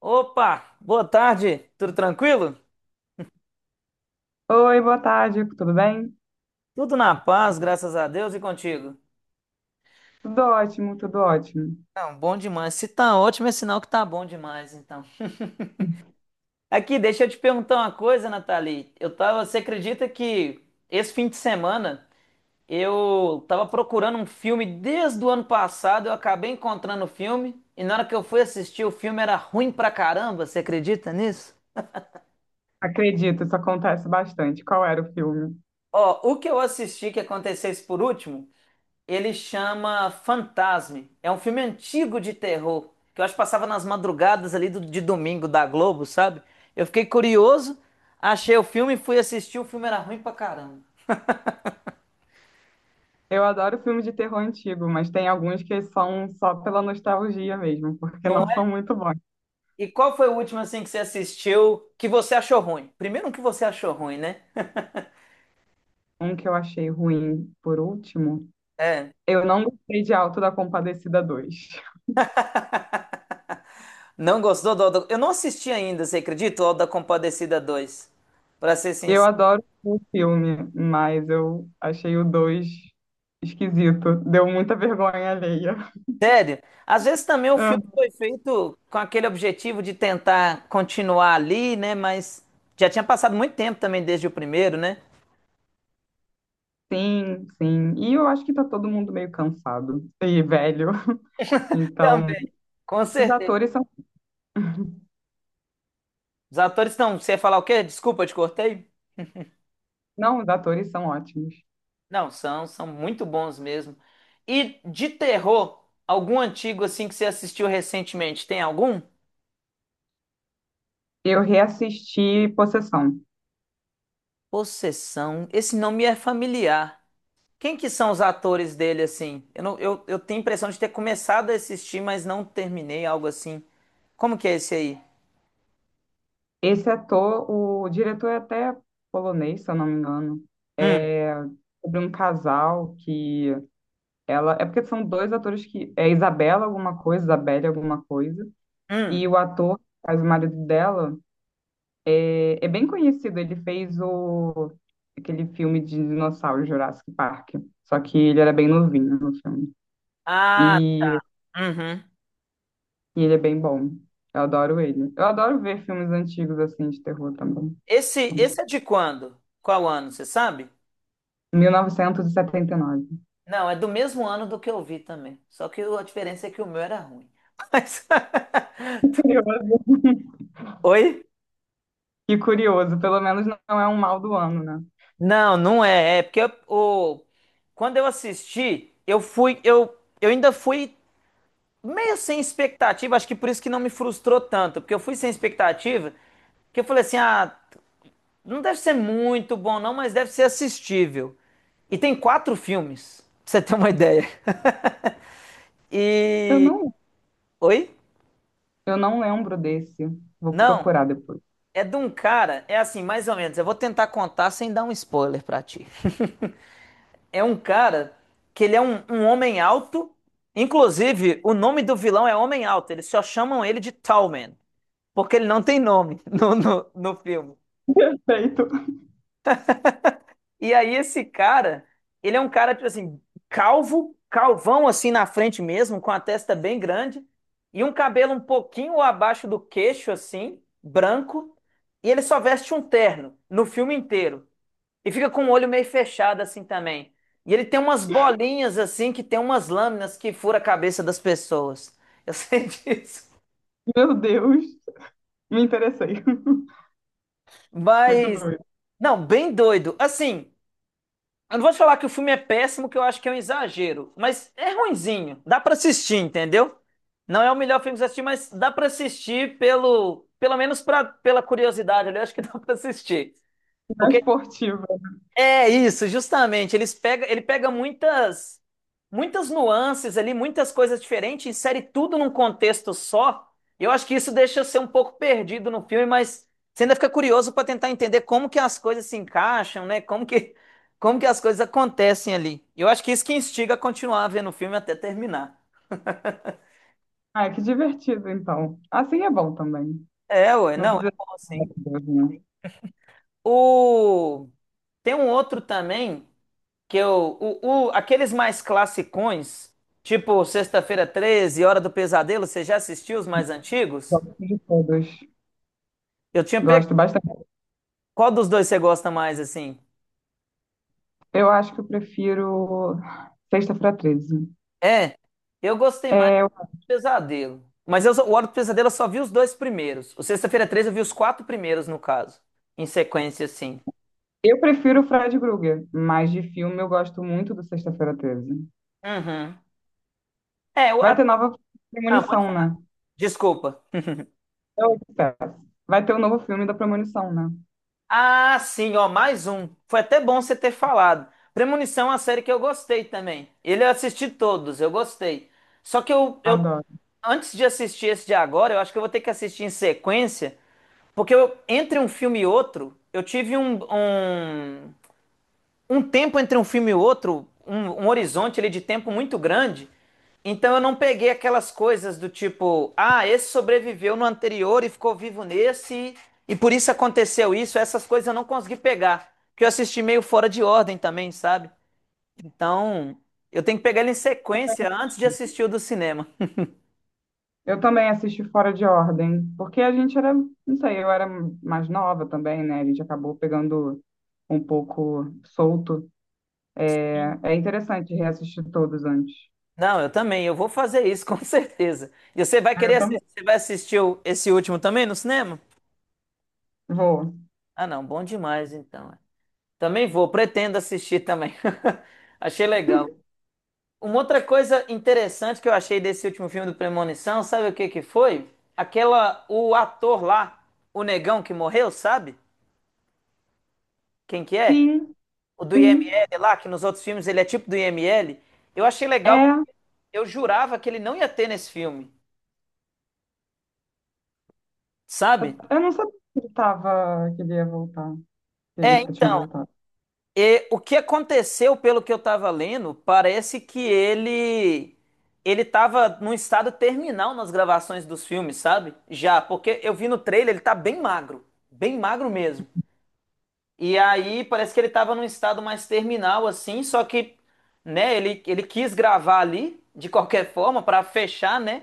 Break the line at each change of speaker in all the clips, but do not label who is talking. Opa, boa tarde, tudo tranquilo?
Oi, boa tarde, tudo bem?
Tudo na paz, graças a Deus e contigo.
Tudo ótimo, tudo ótimo.
Não, bom demais. Se tá ótimo, é sinal que tá bom demais, então. Aqui, deixa eu te perguntar uma coisa, Nathalie. Eu tava, você acredita que esse fim de semana eu tava procurando um filme desde o ano passado, eu acabei encontrando o filme e na hora que eu fui assistir, o filme era ruim pra caramba, você acredita nisso?
Acredito, isso acontece bastante. Qual era o filme?
Ó, o que eu assisti que acontecesse por último. Ele chama Fantasme. É um filme antigo de terror, que eu acho que passava nas madrugadas ali de domingo da Globo, sabe? Eu fiquei curioso, achei o filme, fui assistir, o filme era ruim pra caramba.
Eu adoro filme de terror antigo, mas tem alguns que são só pela nostalgia mesmo, porque
Não
não
é?
são muito bons.
E qual foi o último assim que você assistiu que você achou ruim? Primeiro um que você achou ruim, né?
Um que eu achei ruim, por último,
É.
eu não gostei de Auto da Compadecida dois.
Não gostou do Auto... Eu não assisti ainda, você acredita? O Auto da Compadecida dois. Pra ser
Eu
sincero.
adoro o filme, mas eu achei o 2 esquisito. Deu muita vergonha alheia.
Sério? Às vezes também o
Ah,
filme foi feito com aquele objetivo de tentar continuar ali, né? Mas já tinha passado muito tempo também desde o primeiro, né?
Sim, sim. E eu acho que tá todo mundo meio cansado e velho. Então,
Também. Com
os
certeza.
atores são,
Os atores estão. Você ia falar o quê? Desculpa, eu te cortei?
não, os atores são ótimos.
Não, são, são muito bons mesmo. E de terror, algum antigo assim que você assistiu recentemente? Tem algum?
Eu reassisti Possessão.
Possessão. Esse nome é familiar. Quem que são os atores dele, assim? Eu, não- eu tenho a impressão de ter começado a assistir, mas não terminei, algo assim. Como que é esse aí?
Esse ator, o diretor é até polonês, se eu não me engano.
Hum,
É sobre um casal que ela, é porque são dois atores que é Isabela alguma coisa, Isabelle alguma coisa, e
hum.
o ator que faz o marido dela é, é bem conhecido, ele fez o aquele filme de dinossauro Jurassic Park, só que ele era bem novinho no filme.
Ah,
E
uhum.
E ele é bem bom. Eu adoro ele. Eu adoro ver filmes antigos assim de terror também. Então,
Esse é de quando? Qual ano, você sabe?
1979.
Não, é do mesmo ano do que eu vi também. Só que a diferença é que o meu era ruim. Mas...
Curioso.
Oi?
Que curioso, pelo menos não é um mal do ano, né?
Não, não é. Quando eu assisti, eu fui, eu ainda fui meio sem expectativa, acho que por isso que não me frustrou tanto, porque eu fui sem expectativa, que eu falei assim, ah, não deve ser muito bom não, mas deve ser assistível. E tem quatro filmes, pra você ter uma ideia. E...
Eu não,
Oi?
eu não lembro desse. Vou
Não,
procurar depois.
é de um cara, é assim, mais ou menos, eu vou tentar contar sem dar um spoiler pra ti. É um cara que ele é um homem alto, inclusive o nome do vilão é Homem Alto, eles só chamam ele de Tall Man, porque ele não tem nome no filme.
Perfeito.
E aí esse cara, ele é um cara, tipo assim, calvo, calvão assim na frente mesmo, com a testa bem grande, e um cabelo um pouquinho abaixo do queixo, assim, branco, e ele só veste um terno no filme inteiro. E fica com o olho meio fechado assim também. E ele tem umas bolinhas assim, que tem umas lâminas que fura a cabeça das pessoas. Eu sei disso.
Meu Deus, me interessei. Muito
Mas,
doido.
não, bem doido. Assim, eu não vou te falar que o filme é péssimo, que eu acho que é um exagero, mas é ruinzinho. Dá pra assistir, entendeu? Não é o melhor filme que você assistir, mas dá pra assistir pelo, pelo menos pra, pela curiosidade ali, eu acho que dá pra assistir.
Não é
Porque
esportiva.
é isso, justamente. Ele pega muitas muitas nuances ali, muitas coisas diferentes, insere tudo num contexto só. E eu acho que isso deixa você um pouco perdido no filme, mas você ainda fica curioso para tentar entender como que as coisas se encaixam, né? Como que as coisas acontecem ali. E eu acho que isso que instiga a continuar vendo o filme até terminar.
Ah, é que divertido, então. Assim é bom também.
É, ué,
Não
não, é
precisa.
bom
Ai,
assim.
meu Deus, né?
O tem um outro também. Que eu, o- Aqueles mais classicões, tipo Sexta-feira Treze, Hora do Pesadelo, você já assistiu os mais antigos?
Gosto de todos.
Eu tinha
Gosto
pego.
bastante.
Qual dos dois você gosta mais, assim?
Eu acho que eu prefiro Sexta-feira 13.
É, eu gostei mais do
Eu
Pesadelo. O Hora do Pesadelo eu só vi os dois primeiros. O Sexta-feira Treze eu vi os quatro primeiros, no caso. Em sequência, assim.
eu prefiro o Fred Krueger, mas de filme eu gosto muito do Sexta-feira 13.
Uhum. É, o,
Vai
a-
ter nova
ah,
Premonição, né?
desculpa.
Eu espero. Vai ter o novo filme da Premonição, né?
Ah, sim, ó, mais um. Foi até bom você ter falado. Premonição é uma série que eu gostei também. Ele eu assisti todos, eu gostei. Só que eu,
Adoro.
antes de assistir esse de agora, eu acho que eu vou ter que assistir em sequência, porque eu, entre um filme e outro, eu tive um um tempo entre um filme e outro, um horizonte ali de tempo muito grande. Então eu não peguei aquelas coisas do tipo, ah, esse sobreviveu no anterior e ficou vivo nesse, e por isso aconteceu isso. Essas coisas eu não consegui pegar, porque eu assisti meio fora de ordem também, sabe? Então eu tenho que pegar ele em sequência antes de assistir o do cinema.
Eu também assisti Fora de Ordem, porque a gente era, não sei, eu era mais nova também, né? A gente acabou pegando um pouco solto. É, é interessante reassistir todos antes.
Não, eu também, eu vou fazer isso, com certeza. E você vai
Ah,
querer
eu também.
assistir, você vai assistir esse último também no cinema?
Vou.
Ah, não, bom demais então. Também vou, pretendo assistir também. Achei legal. Uma outra coisa interessante que eu achei desse último filme do Premonição, sabe o que que foi? Aquela, o ator lá, o negão que morreu, sabe? Quem que é?
Sim,
O do
sim,
IML lá, que nos outros filmes ele é tipo do IML. Eu achei legal,
é.
eu jurava que ele não ia ter nesse filme,
Eu
sabe?
eu não sabia que ele tava, que ele ia voltar, que ele
É,
tinha
então
voltado.
e o que aconteceu, pelo que eu estava lendo, parece que ele ele estava num estado terminal nas gravações dos filmes, sabe? Já, porque eu vi no trailer, ele tá bem magro mesmo. E aí parece que ele estava num estado mais terminal assim, só que, né, ele ele quis gravar ali de qualquer forma para fechar, né?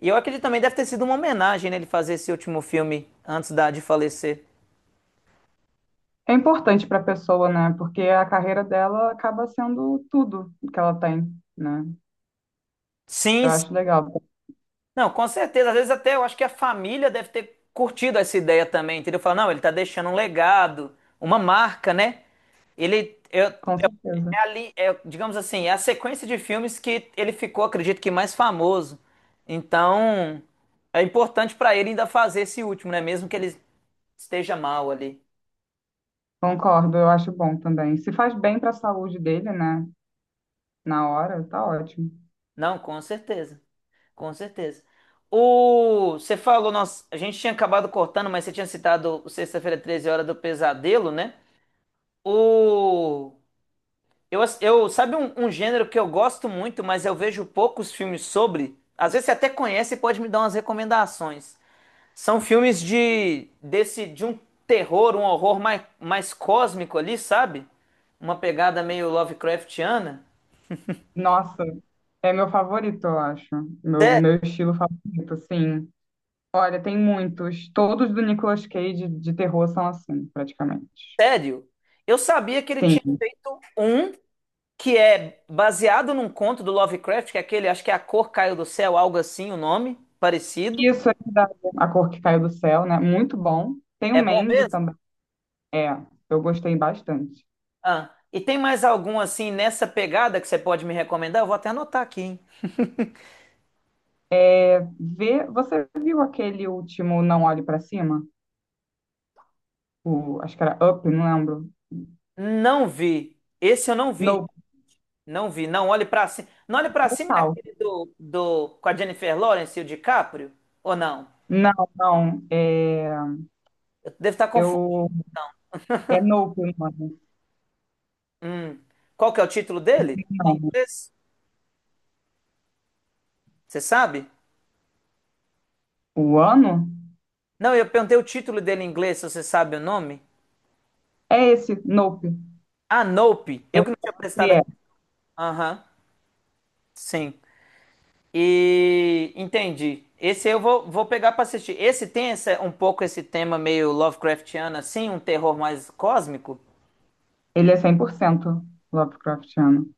E eu acredito também deve ter sido uma homenagem, né, ele fazer esse último filme antes da de falecer.
É importante para a pessoa, né? Porque a carreira dela acaba sendo tudo que ela tem, né?
Sim,
Eu acho legal,
não, com certeza. Às vezes até eu acho que a família deve ter curtido essa ideia também, entendeu? Falar, não, ele tá deixando um legado, uma marca, né? Ele eu-
com certeza.
é ali, é, digamos assim, é a sequência de filmes que ele ficou, acredito que mais famoso. Então, é importante pra ele ainda fazer esse último, né? Mesmo que ele esteja mal ali.
Concordo, eu acho bom também. Se faz bem para a saúde dele, né? Na hora, tá ótimo.
Não, com certeza. Com certeza. O, você falou, nós, a gente tinha acabado cortando, mas você tinha citado o Sexta-feira Treze, Hora do Pesadelo, né? O eu sabe um gênero que eu gosto muito, mas eu vejo poucos filmes sobre. Às vezes você até conhece e pode me dar umas recomendações. São filmes de desse de um terror, um horror mais, mais cósmico ali, sabe? Uma pegada meio Lovecraftiana.
Nossa, é meu favorito, eu acho. Meu estilo favorito, sim. Olha, tem muitos. Todos do Nicolas Cage de terror são assim, praticamente.
Sério? Eu sabia que ele tinha
Sim.
feito um que é baseado num conto do Lovecraft, que é aquele, acho que é A Cor Caiu do Céu, algo assim, o nome parecido.
Isso é da- A Cor que Caiu do Céu, né? Muito bom. Tem o
É bom
Mandy
mesmo?
também. É, eu gostei bastante.
Ah, e tem mais algum assim nessa pegada que você pode me recomendar? Eu vou até anotar aqui, hein?
Vê, você viu aquele último Não Olhe Pra Cima? O, acho que era Up, não lembro.
Não vi. Esse eu não vi.
Nope,
Não vi. Não olhe pra cima. Não olhe pra cima é
total.
aquele do com a Jennifer Lawrence e o DiCaprio? Ou não?
Não, não. É,
Eu devo estar confundindo.
eu, é Nope o nome.
Hum. Qual que é o título dele? Em
Não.
inglês? Você sabe?
O ano?
Não, eu perguntei o título dele em inglês, se você sabe o nome.
É esse, Nope.
Ah, Nope.
É,
Eu que não tinha prestado
é. É.
atenção. Aham. Sim. E entendi. Esse eu vou, vou pegar pra assistir. Esse tem essa, um pouco esse tema meio Lovecraftiano, assim, um terror mais cósmico?
Ele é 100% Lovecraftiano.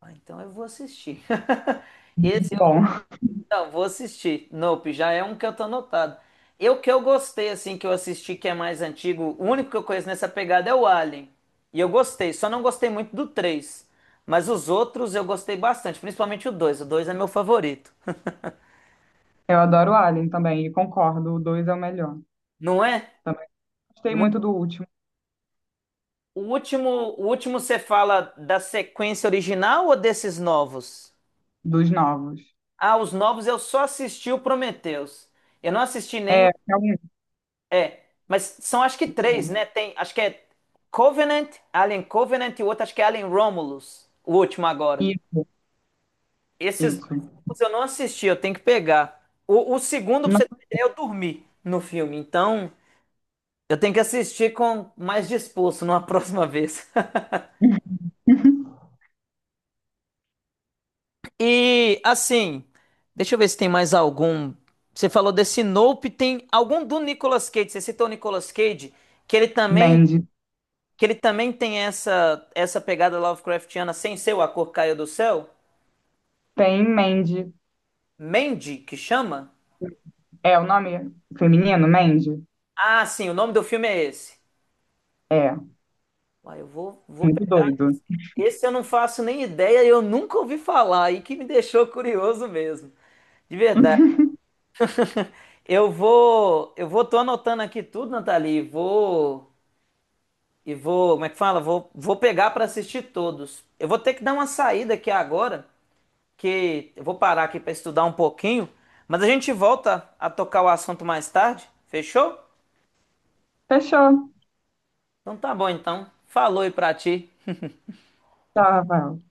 Ah, então eu vou assistir. Esse eu vou,
Bom,
não, vou assistir. Nope, já é um que eu tô anotado. Eu que eu gostei, assim, que eu assisti, que é mais antigo, o único que eu conheço nessa pegada é o Alien. E eu gostei, só não gostei muito do três. Mas os outros eu gostei bastante, principalmente o dois. O 2 é meu favorito.
eu adoro Alien também, e concordo, o 2 é o melhor.
Não é?
Também gostei muito do último,
O último, o último você fala da sequência original ou desses novos?
dos novos.
Ah, os novos eu só assisti o Prometheus. Eu não assisti nem
É,
o.
é muito
É, mas são acho que três,
bom.
né? Tem, acho que é Covenant, Alien Covenant e o outro acho que é Alien Romulus, o último agora.
Isso,
Esses dois
isso.
últimos eu não assisti, eu tenho que pegar. O segundo, pra
Não,
você ter ideia, eu dormi no filme. Então, eu tenho que assistir com mais disposto numa próxima vez. E assim, deixa eu ver se tem mais algum. Você falou desse Nope, tem algum do Nicolas Cage? Você citou o Nicolas Cage, que ele também,
Mandy.
que ele também tem essa essa pegada Lovecraftiana sem ser o A Cor Caiu do Céu?
Tem Mandy.
Mandy, que chama?
É, o nome feminino, Mandy?
Ah, sim, o nome do filme é esse.
É,
Uai, eu vou, vou
muito
pegar.
doido.
Esse eu não faço nem ideia, eu nunca ouvi falar, e que me deixou curioso mesmo. De verdade. Eu vou, tô anotando aqui tudo, Nathalie. E vou. E vou, como é que fala? Vou, vou pegar para assistir todos. Eu vou ter que dar uma saída aqui agora, que eu vou parar aqui para estudar um pouquinho, mas a gente volta a tocar o assunto mais tarde, fechou?
Fechou.
Então tá bom então. Falou aí pra ti.
Tchau, Rafael.